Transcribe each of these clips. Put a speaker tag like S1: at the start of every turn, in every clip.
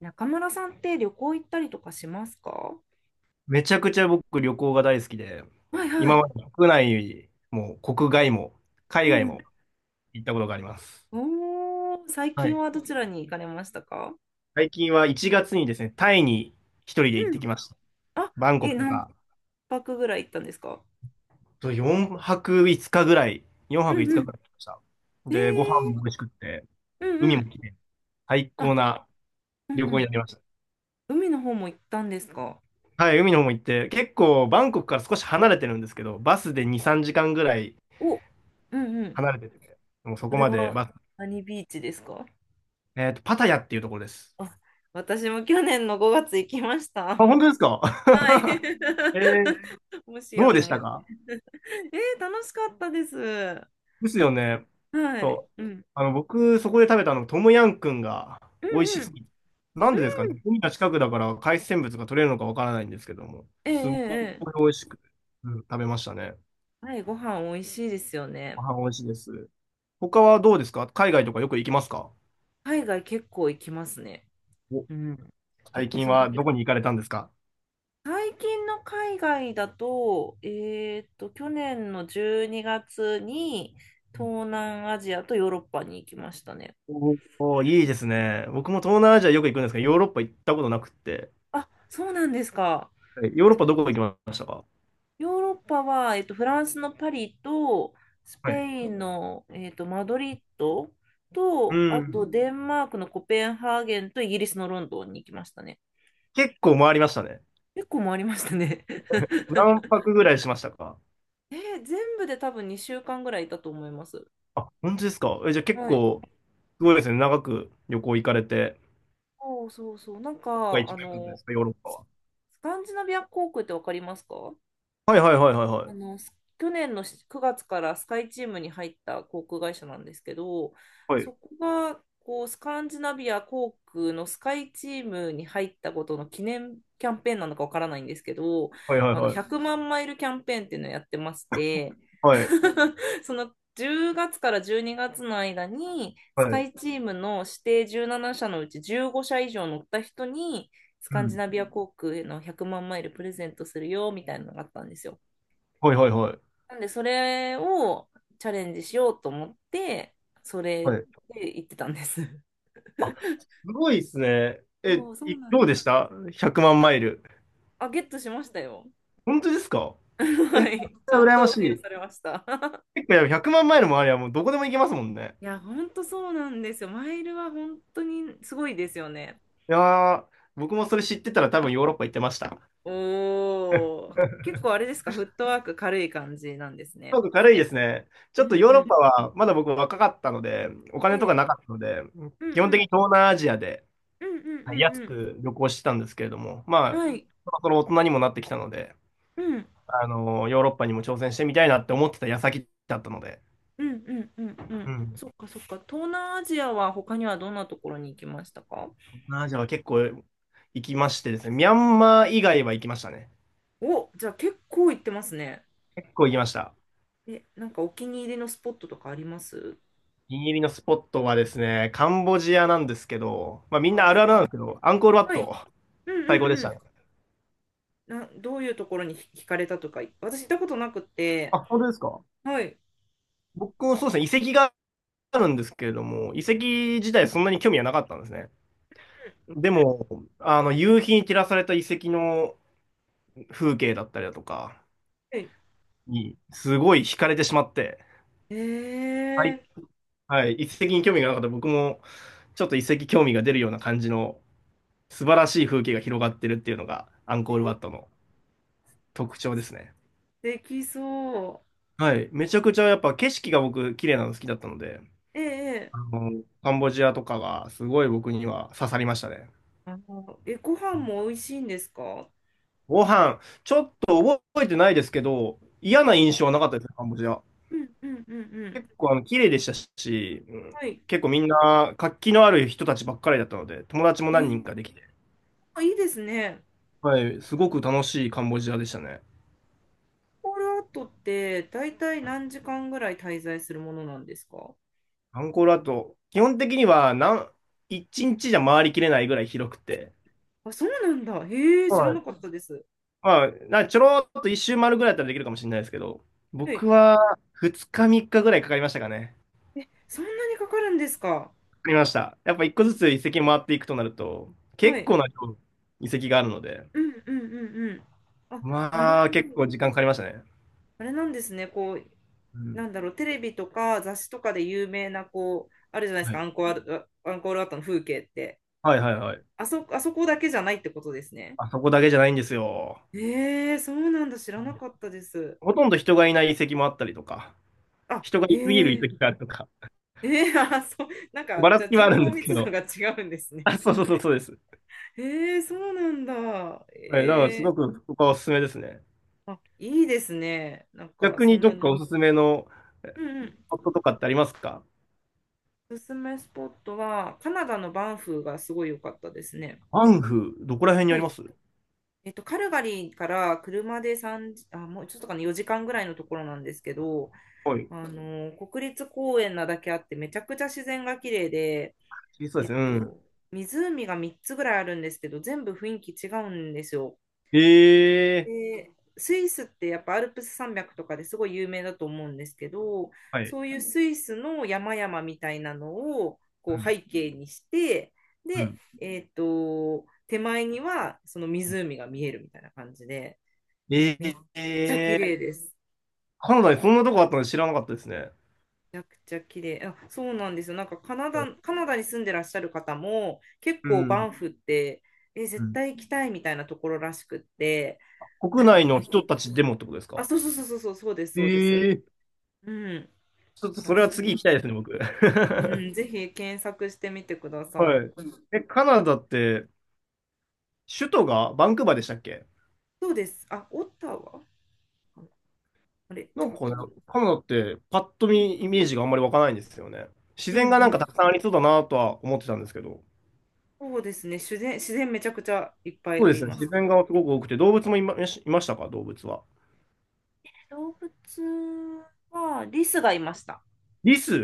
S1: 中村さんって旅行行ったりとかしますか？
S2: めちゃくちゃ僕旅行が大好きで、
S1: はいは
S2: 今
S1: い。
S2: まで国内も国外も
S1: う
S2: 海外
S1: んう
S2: も
S1: ん。
S2: 行ったことがあります。
S1: おー、最
S2: は
S1: 近
S2: い。
S1: はどちらに行かれましたか？
S2: 最近は1月にですね、タイに一人で行
S1: う
S2: って
S1: ん。
S2: きました。
S1: あ、
S2: バンコクと
S1: 何
S2: か、
S1: 泊ぐらい行ったんですか？
S2: と4泊5日ぐらい、4
S1: う
S2: 泊
S1: ん
S2: 5
S1: う
S2: 日
S1: ん。
S2: ぐらい行きました。
S1: え
S2: で、ご飯も
S1: ー。
S2: 美味しくって、
S1: うん
S2: 海
S1: う
S2: も
S1: ん。
S2: 綺麗、最高
S1: あ。
S2: な
S1: うん
S2: 旅
S1: う
S2: 行に
S1: ん。
S2: なりました。
S1: 海の方も行ったんですか？
S2: はい、海の方も行って、結構バンコクから少し離れてるんですけど、バスで2、3時間ぐらい
S1: お。うんうん。
S2: 離れてて、もうそ
S1: そ
S2: こ
S1: れ
S2: まで
S1: は
S2: バス、
S1: 何ビーチですか？
S2: パタヤっていうところです。
S1: あ、私も去年の5月行きまし
S2: あ、
S1: た。
S2: 本当ですか？
S1: はい。
S2: えー、
S1: もし
S2: ど
S1: や
S2: うで
S1: と
S2: し
S1: 思
S2: た
S1: って。
S2: か？
S1: 楽しかったです。
S2: ですよね。
S1: はい。
S2: そう。
S1: うん
S2: 僕、そこで食べたの、トムヤンくんが
S1: うん
S2: 美味し
S1: うん。
S2: すぎて。なん
S1: う
S2: でですか
S1: ん。
S2: ね、海が近くだから海鮮物が取れるのかわからないんですけども、
S1: えええ
S2: すごい
S1: え。え
S2: 美
S1: え。
S2: 味しく、うん食べましたね。
S1: はい、ご飯美味しいですよ
S2: ご
S1: ね。
S2: 飯美味しいです。他はどうですか？海外とかよく行きますか？
S1: 海外結構行きますね。
S2: お。
S1: うん。
S2: 最
S1: で、
S2: 近はどこに行かれたんですか？
S1: 最近の海外だと、去年の12月にがつに東南アジアとヨーロッパに行きましたね。
S2: おおー、いいですね。僕も東南アジアよく行くんですが、ヨーロッパ行ったことなくって。
S1: あ、そうなんですか。
S2: はい、ヨーロッパどこ
S1: か
S2: 行きましたか？
S1: ヨーロッパは、フランスのパリと、ス
S2: は
S1: ペ
S2: い。
S1: インの、マドリッド
S2: う
S1: と、あと
S2: ん。
S1: デンマークのコペンハーゲンとイギリスのロンドンに行きましたね。
S2: 結構回りましたね。
S1: 結構回りましたね。
S2: 何 泊ぐらいしましたか？
S1: 全部で多分2週間ぐらいいたと思います。
S2: あ、本当ですか？え、じゃあ結
S1: はい。
S2: 構、すごいですね。長く旅行行かれて、
S1: そうそうそう。なん
S2: ここが
S1: か、
S2: 一番良かったですか、ヨーロッパ
S1: スス
S2: は？
S1: カンジナビア航空ってわかりますか？
S2: はいはいはいはいは
S1: あ
S2: い。
S1: の、す去年の9月からスカイチームに入った航空会社なんですけど、
S2: は
S1: そ
S2: い
S1: こがこうスカンジナビア航空のスカイチームに入ったことの記念キャンペーンなのかわからないんですけど、
S2: はいはい
S1: あの
S2: は
S1: 100
S2: い。
S1: 万マイルキャンペーンっていうのをやってまして、
S2: はい。
S1: その10月から12月の間に
S2: は
S1: スカ
S2: い。
S1: イチームの指定17社のうち15社以上乗った人にス
S2: う
S1: カンジ
S2: ん。
S1: ナビア航空への100万マイルプレゼントするよみたいなのがあったんですよ。
S2: はいはいはい。
S1: なんで、それをチャレンジしようと思って、それ
S2: はい。
S1: で行ってたんです。
S2: あ、すごいですね。え、
S1: そう、そうなん
S2: どう
S1: で
S2: で
S1: す。
S2: した？ 100 万マイル。
S1: あ、ゲットしましたよ。
S2: 本当ですか？ え、
S1: はい。ちゃん
S2: 羨ま
S1: と
S2: し
S1: 付与
S2: い。
S1: されました。
S2: 結構やっぱ100万マイルもありゃもうどこでも行けますもんね。
S1: いや、ほんとそうなんですよ。マイルは本当にすごいですよね。
S2: いやー、僕もそれ知ってたら多分ヨーロッパ行ってました。
S1: おー。結構あれですか、フットワーク軽い感じなんですね。
S2: 韓国軽いですね。ちょ
S1: う
S2: っと
S1: ん
S2: ヨー
S1: う
S2: ロッ
S1: ん。
S2: パは、まだ僕若かったので、お
S1: え
S2: 金とか
S1: え。
S2: なかったので、
S1: うんう
S2: 基本的に
S1: ん。
S2: 東南アジアで、
S1: うんうん
S2: はい、安
S1: うん
S2: く旅行してたんですけれども、
S1: うん。
S2: まあ、
S1: はい。
S2: そろそろ大人にもなってきたので、
S1: うん。
S2: あの、ヨーロッパにも挑戦してみたいなって思ってた矢先だったので、
S1: うんうんうんう
S2: う
S1: ん。
S2: ん。
S1: そっかそっか。東南アジアは他にはどんなところに行きましたか？
S2: 東南アジアは結構行きましてですね、ミャンマー以外は行きましたね。
S1: お、じゃあ結構行ってますね。
S2: 結構行きました。
S1: なんかお気に入りのスポットとかあります？
S2: お気に入りのスポットはですね、カンボジアなんですけど、まあみん
S1: は
S2: な
S1: い。
S2: あるあるなんですけど、アンコールワッ
S1: はい。うん
S2: ト、最
S1: う
S2: 高でし
S1: んうん。
S2: たね。
S1: どういうところに惹かれたとか、私行ったことなく
S2: あ、
S1: て。
S2: 本当ですか？
S1: はい。
S2: 僕もそうですね、遺跡があるんですけれども、遺跡自体そんなに興味はなかったんですね。でも、あの、夕日に照らされた遺跡の風景だったりだとか
S1: え、
S2: に、すごい惹かれてしまって、
S1: え
S2: は
S1: ー、
S2: い。はい、遺跡に興味がなかった僕も、ちょっと遺跡興味が出るような感じの素晴らしい風景が広がってるっていうのが、アンコールワットの特徴ですね。
S1: できそう。
S2: はい。めちゃくちゃやっぱ景色が僕、綺麗なの好きだったので、
S1: ええ
S2: あ
S1: ええ。
S2: の、カンボジアとかがすごい僕には刺さりましたね。
S1: ご飯も美味しいんですか？は
S2: ご飯、ちょっと覚えてないですけど、嫌な印
S1: い。
S2: 象はなかったですね、カンボジア。
S1: うんうんうんうん。
S2: 結構あの綺麗でしたし、うん、
S1: はい。
S2: 結構みんな活気のある人たちばっかりだったので、友達も
S1: え
S2: 何
S1: ー、
S2: 人かできて、
S1: あいいですね。
S2: はい、すごく楽しいカンボジアでしたね。
S1: コールアウトって大体何時間ぐらい滞在するものなんですか？
S2: アンコールアート、基本的には一日じゃ回りきれないぐらい広くて、
S1: あ、そうなんだ。へえ、知ら
S2: は
S1: な
S2: い。
S1: かったです。
S2: まあ、ちょろっと一周回るぐらいだったらできるかもしれないですけど、
S1: はい。
S2: 僕は2日3日ぐらいかかりましたかね。
S1: え、そんなにかかるんですか？
S2: りました。やっぱ一個ずつ遺跡回っていくとなると、
S1: は
S2: 結
S1: い。
S2: 構な量の遺跡があるので、
S1: うんうんうんうん。あ、なる
S2: まあ
S1: ほど。
S2: 結構時間かかりましたね。
S1: あれなんですね。こう、
S2: うん。
S1: なんだろう、テレビとか雑誌とかで有名な、こう、あるじゃないです
S2: は
S1: か、
S2: い。
S1: アンコールアウトの風景って。
S2: はいはいはい。
S1: あそこだけじゃないってことですね。
S2: あそこだけじゃないんですよ。
S1: へえ、そうなんだ。知ら
S2: は
S1: な
S2: い、
S1: かったです。
S2: ほとんど人がいない遺跡もあったりとか、
S1: あ、
S2: 人が
S1: へ
S2: いすぎる遺
S1: え。
S2: 跡があるとか、
S1: えあ、そう、なん
S2: ば
S1: か、
S2: ら
S1: じゃ
S2: つ
S1: あ
S2: きはあ
S1: 人
S2: るん
S1: 口
S2: ですけ
S1: 密度
S2: ど。
S1: が違うんです
S2: あ、
S1: ね。
S2: そうそうそうそうです。
S1: えそうなんだ。
S2: はい、だからすごくここはおすすめですね。
S1: あ、いいですね。なんか、
S2: 逆
S1: そ
S2: に
S1: ん
S2: ど
S1: な
S2: っか
S1: に。
S2: おすすめの
S1: うんうん。
S2: スポットとかってありますか？
S1: おすすめスポットは、カナダのバンフがすごい良かったですね。
S2: アンフ、どこら辺にあ
S1: は
S2: り
S1: い。
S2: ます？
S1: カルガリーから車で3、あ、もうちょっとかな、4時間ぐらいのところなんですけど、
S2: はい。
S1: 国立公園なだけあって、めちゃくちゃ自然が綺麗で、
S2: そうで
S1: え
S2: すね。う
S1: っ
S2: ん。
S1: と、湖が3つぐらいあるんですけど、全部雰囲気違うんですよ。
S2: ええ
S1: で、スイスってやっぱアルプス山脈とかですごい有名だと思うんですけど、
S2: ー、はい。
S1: そういうスイスの山々みたいなのを
S2: う
S1: こう
S2: ん。
S1: 背景にして、
S2: う
S1: で、
S2: ん。
S1: 手前にはその湖が見えるみたいな感じで、
S2: え
S1: めっちゃ綺
S2: え
S1: 麗
S2: ー、
S1: です。
S2: カナダにそんなとこあったの知らなかったですね。
S1: めちゃくちゃ綺麗。あ、そうなんですよ。なんかカナダに住んでらっしゃる方も結
S2: う
S1: 構バ
S2: ん。
S1: ンフって
S2: う
S1: 絶
S2: ん。
S1: 対行きたいみたいなところらしくって、な
S2: 国
S1: んか、
S2: 内の人たちでもってことです
S1: あ、
S2: か？
S1: そうそうそうそうそうそうです
S2: え
S1: そうです。
S2: えー、
S1: うん。
S2: ちょっと
S1: か
S2: そ
S1: ら、
S2: れは
S1: すご
S2: 次
S1: い。
S2: 行きたいですね、僕。
S1: うん、ぜひ検索してみてくださ
S2: は
S1: い。
S2: い。え、カナダって、首都がバンクーバーでしたっけ？
S1: そうです。あ、オッタワかな。あれ、違っ
S2: なんか
S1: た
S2: ね、
S1: かな。
S2: カナダってパッと
S1: うん、
S2: 見イメージがあんまり湧かないんですよね。自
S1: うん、う
S2: 然がなんかた
S1: ん。
S2: くさんありそうだなとは思ってたんですけど。
S1: そうですね。自然、自然めちゃくちゃいっぱい
S2: そう
S1: あ
S2: で
S1: り
S2: すね、
S1: ます
S2: 自然
S1: ね。
S2: がすごく多くて、動物もいましたか、動物は。
S1: 動物は、リスがいました。
S2: リス。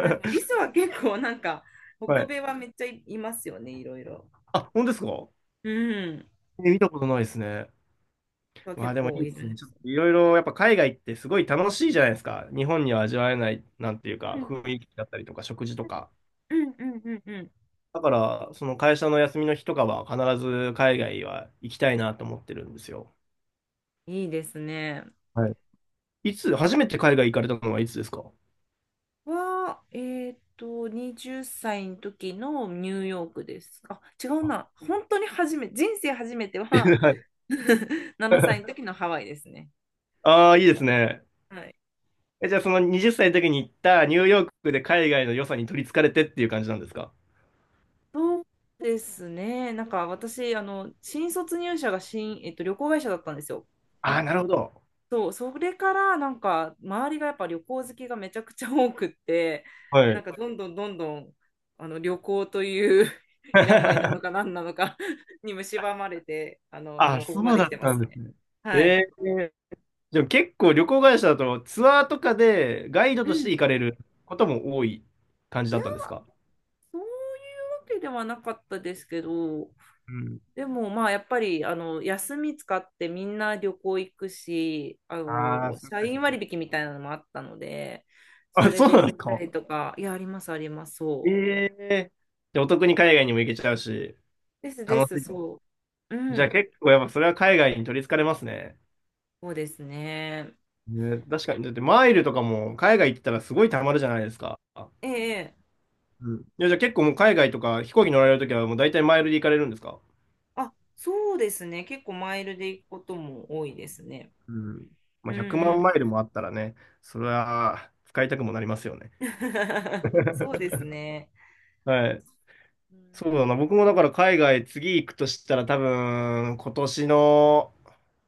S1: でもリ スは結構なんか、
S2: は
S1: 北
S2: い。
S1: 米はめっちゃいますよね、いろいろ。
S2: あ、本当ですか？
S1: うん。
S2: え、見たことないですね。
S1: は
S2: わ
S1: 結
S2: あ、でもい
S1: 構
S2: いで
S1: い
S2: す
S1: るん
S2: ね。
S1: で
S2: ちょっ
S1: すよ。
S2: といろいろやっぱ海外ってすごい楽しいじゃないですか。日本には味わえない、なんていう
S1: う
S2: か、
S1: ん、
S2: 雰囲気だったりとか、食事とか。
S1: うん、うん、うん、う
S2: だから、その会社の休みの日とかは必ず海外は行きたいなと思ってるんですよ。
S1: ん。いいですね。
S2: はい。いつ、初めて海外行かれたのはいつですか？
S1: は、20歳の時のニューヨークです。あ、違う
S2: あ。
S1: な。本当に人生初めては 7歳の時のハワイですね。
S2: あー、いいですね。
S1: はい。
S2: え、じゃあその20歳の時に行ったニューヨークで海外の良さに取り憑かれてっていう感じなんですか？
S1: ですね。なんか私、新卒入社が旅行会社だったんですよ。
S2: ああー、なるほど。
S1: そう、それからなんか周りがやっぱ旅行好きがめちゃくちゃ多くって、
S2: は
S1: なん
S2: い。
S1: かどんどんどんどんあの旅行という 病なの か何なのか に蝕まれて、
S2: あ、
S1: ここま
S2: そう
S1: で来
S2: だっ
S1: てま
S2: たん
S1: す
S2: です
S1: ね。
S2: ね。え
S1: はい。
S2: え、でも結構旅行会社だとツアーとかでガイド
S1: う
S2: として
S1: ん。
S2: 行かれることも多い感じ
S1: い
S2: だっ
S1: や、
S2: たんですか？
S1: そういうわけではなかったですけど、
S2: うん。
S1: でもまあやっぱりあの休み使ってみんな旅行行くし、
S2: ああ、そういうこ
S1: 社
S2: とです
S1: 員
S2: ね。
S1: 割引みたいなのもあったので、そ
S2: あ、
S1: れ
S2: そう
S1: で
S2: なん
S1: 行っ
S2: です
S1: た
S2: か。
S1: りとか、いや、ありますあります、
S2: え
S1: そう。
S2: え、で、お得に海外にも行けちゃうし、
S1: ですで
S2: 楽
S1: す、
S2: しい。
S1: そう。う
S2: じゃあ
S1: ん、
S2: 結構やっぱそれは海外に取り憑かれますね。
S1: そうですね。
S2: ね、確かに。だってマイルとかも海外行ったらすごい貯まるじゃないですか。
S1: ええ、
S2: うん。いや、じゃあ結構もう海外とか飛行機乗られるときはもう大体マイルで行かれるんですか？
S1: あ、そうですね。結構マイルで行くことも多いですね。
S2: うん。ま
S1: う
S2: あ、
S1: ん
S2: 100
S1: う
S2: 万マイ
S1: ん。
S2: ルもあったらね、それは使いたくもなりますよね。
S1: そうですね。
S2: はい。
S1: うん
S2: そうだな。僕もだから海外次行くとしたら多分今年の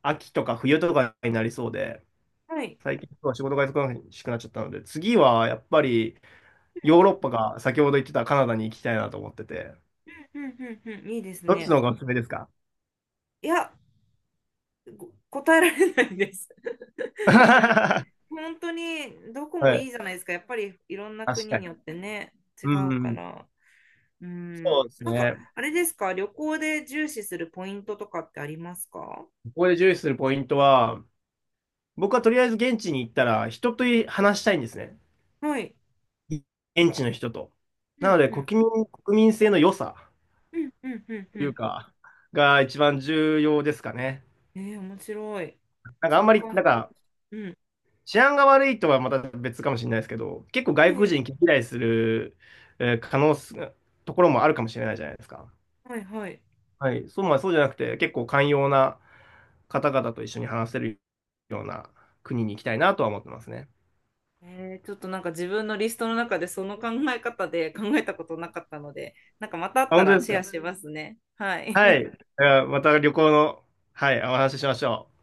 S2: 秋とか冬とかになりそうで、
S1: はい。
S2: 最近は仕事が忙しくなっちゃったので、次はやっぱりヨーロッパが先ほど言ってたカナダに行きたいなと思ってて、
S1: うんうんうんうんうん、いいです
S2: どっち
S1: ね。
S2: の方がおすすめですか？
S1: いや、ご答えられないです。
S2: は
S1: 本当にどこもいいじゃ
S2: い。
S1: ないですか。やっぱりいろんな
S2: 確
S1: 国
S2: か
S1: に
S2: に。
S1: よってね、違う
S2: う
S1: か
S2: ん、
S1: ら。うん。
S2: そうです
S1: なんか、
S2: ね。
S1: あれですか、旅行で重視するポイントとかってありますか？
S2: ここで重視するポイントは、僕はとりあえず現地に行ったら人と話したいんですね。
S1: はい。
S2: 現地の人と。
S1: う
S2: な
S1: ん
S2: ので
S1: うん
S2: 国民性の良さ。
S1: うんうんうん
S2: という
S1: う
S2: か、が一番重要ですかね。
S1: ん。面白い。
S2: なんかあ
S1: そ
S2: ん
S1: の
S2: まり、
S1: 感
S2: なん
S1: 覚。
S2: か
S1: うん。
S2: 治安が悪いとはまた別かもしれないですけど、結構外国
S1: ええ。
S2: 人嫌いする、えー可能す、ところもあるかもしれないじゃないですか。
S1: はいはい。
S2: はい。そう、まあそうじゃなくて、結構寛容な方々と一緒に話せるような国に行きたいなとは思ってますね。
S1: ちょっとなんか自分のリストの中でその考え方で考えたことなかったので、なんかまたあっ
S2: あ、
S1: た
S2: 本
S1: ら
S2: 当です
S1: シェア
S2: か。
S1: しますね。は
S2: はい。
S1: い。
S2: また旅行の、はい、お話ししましょう。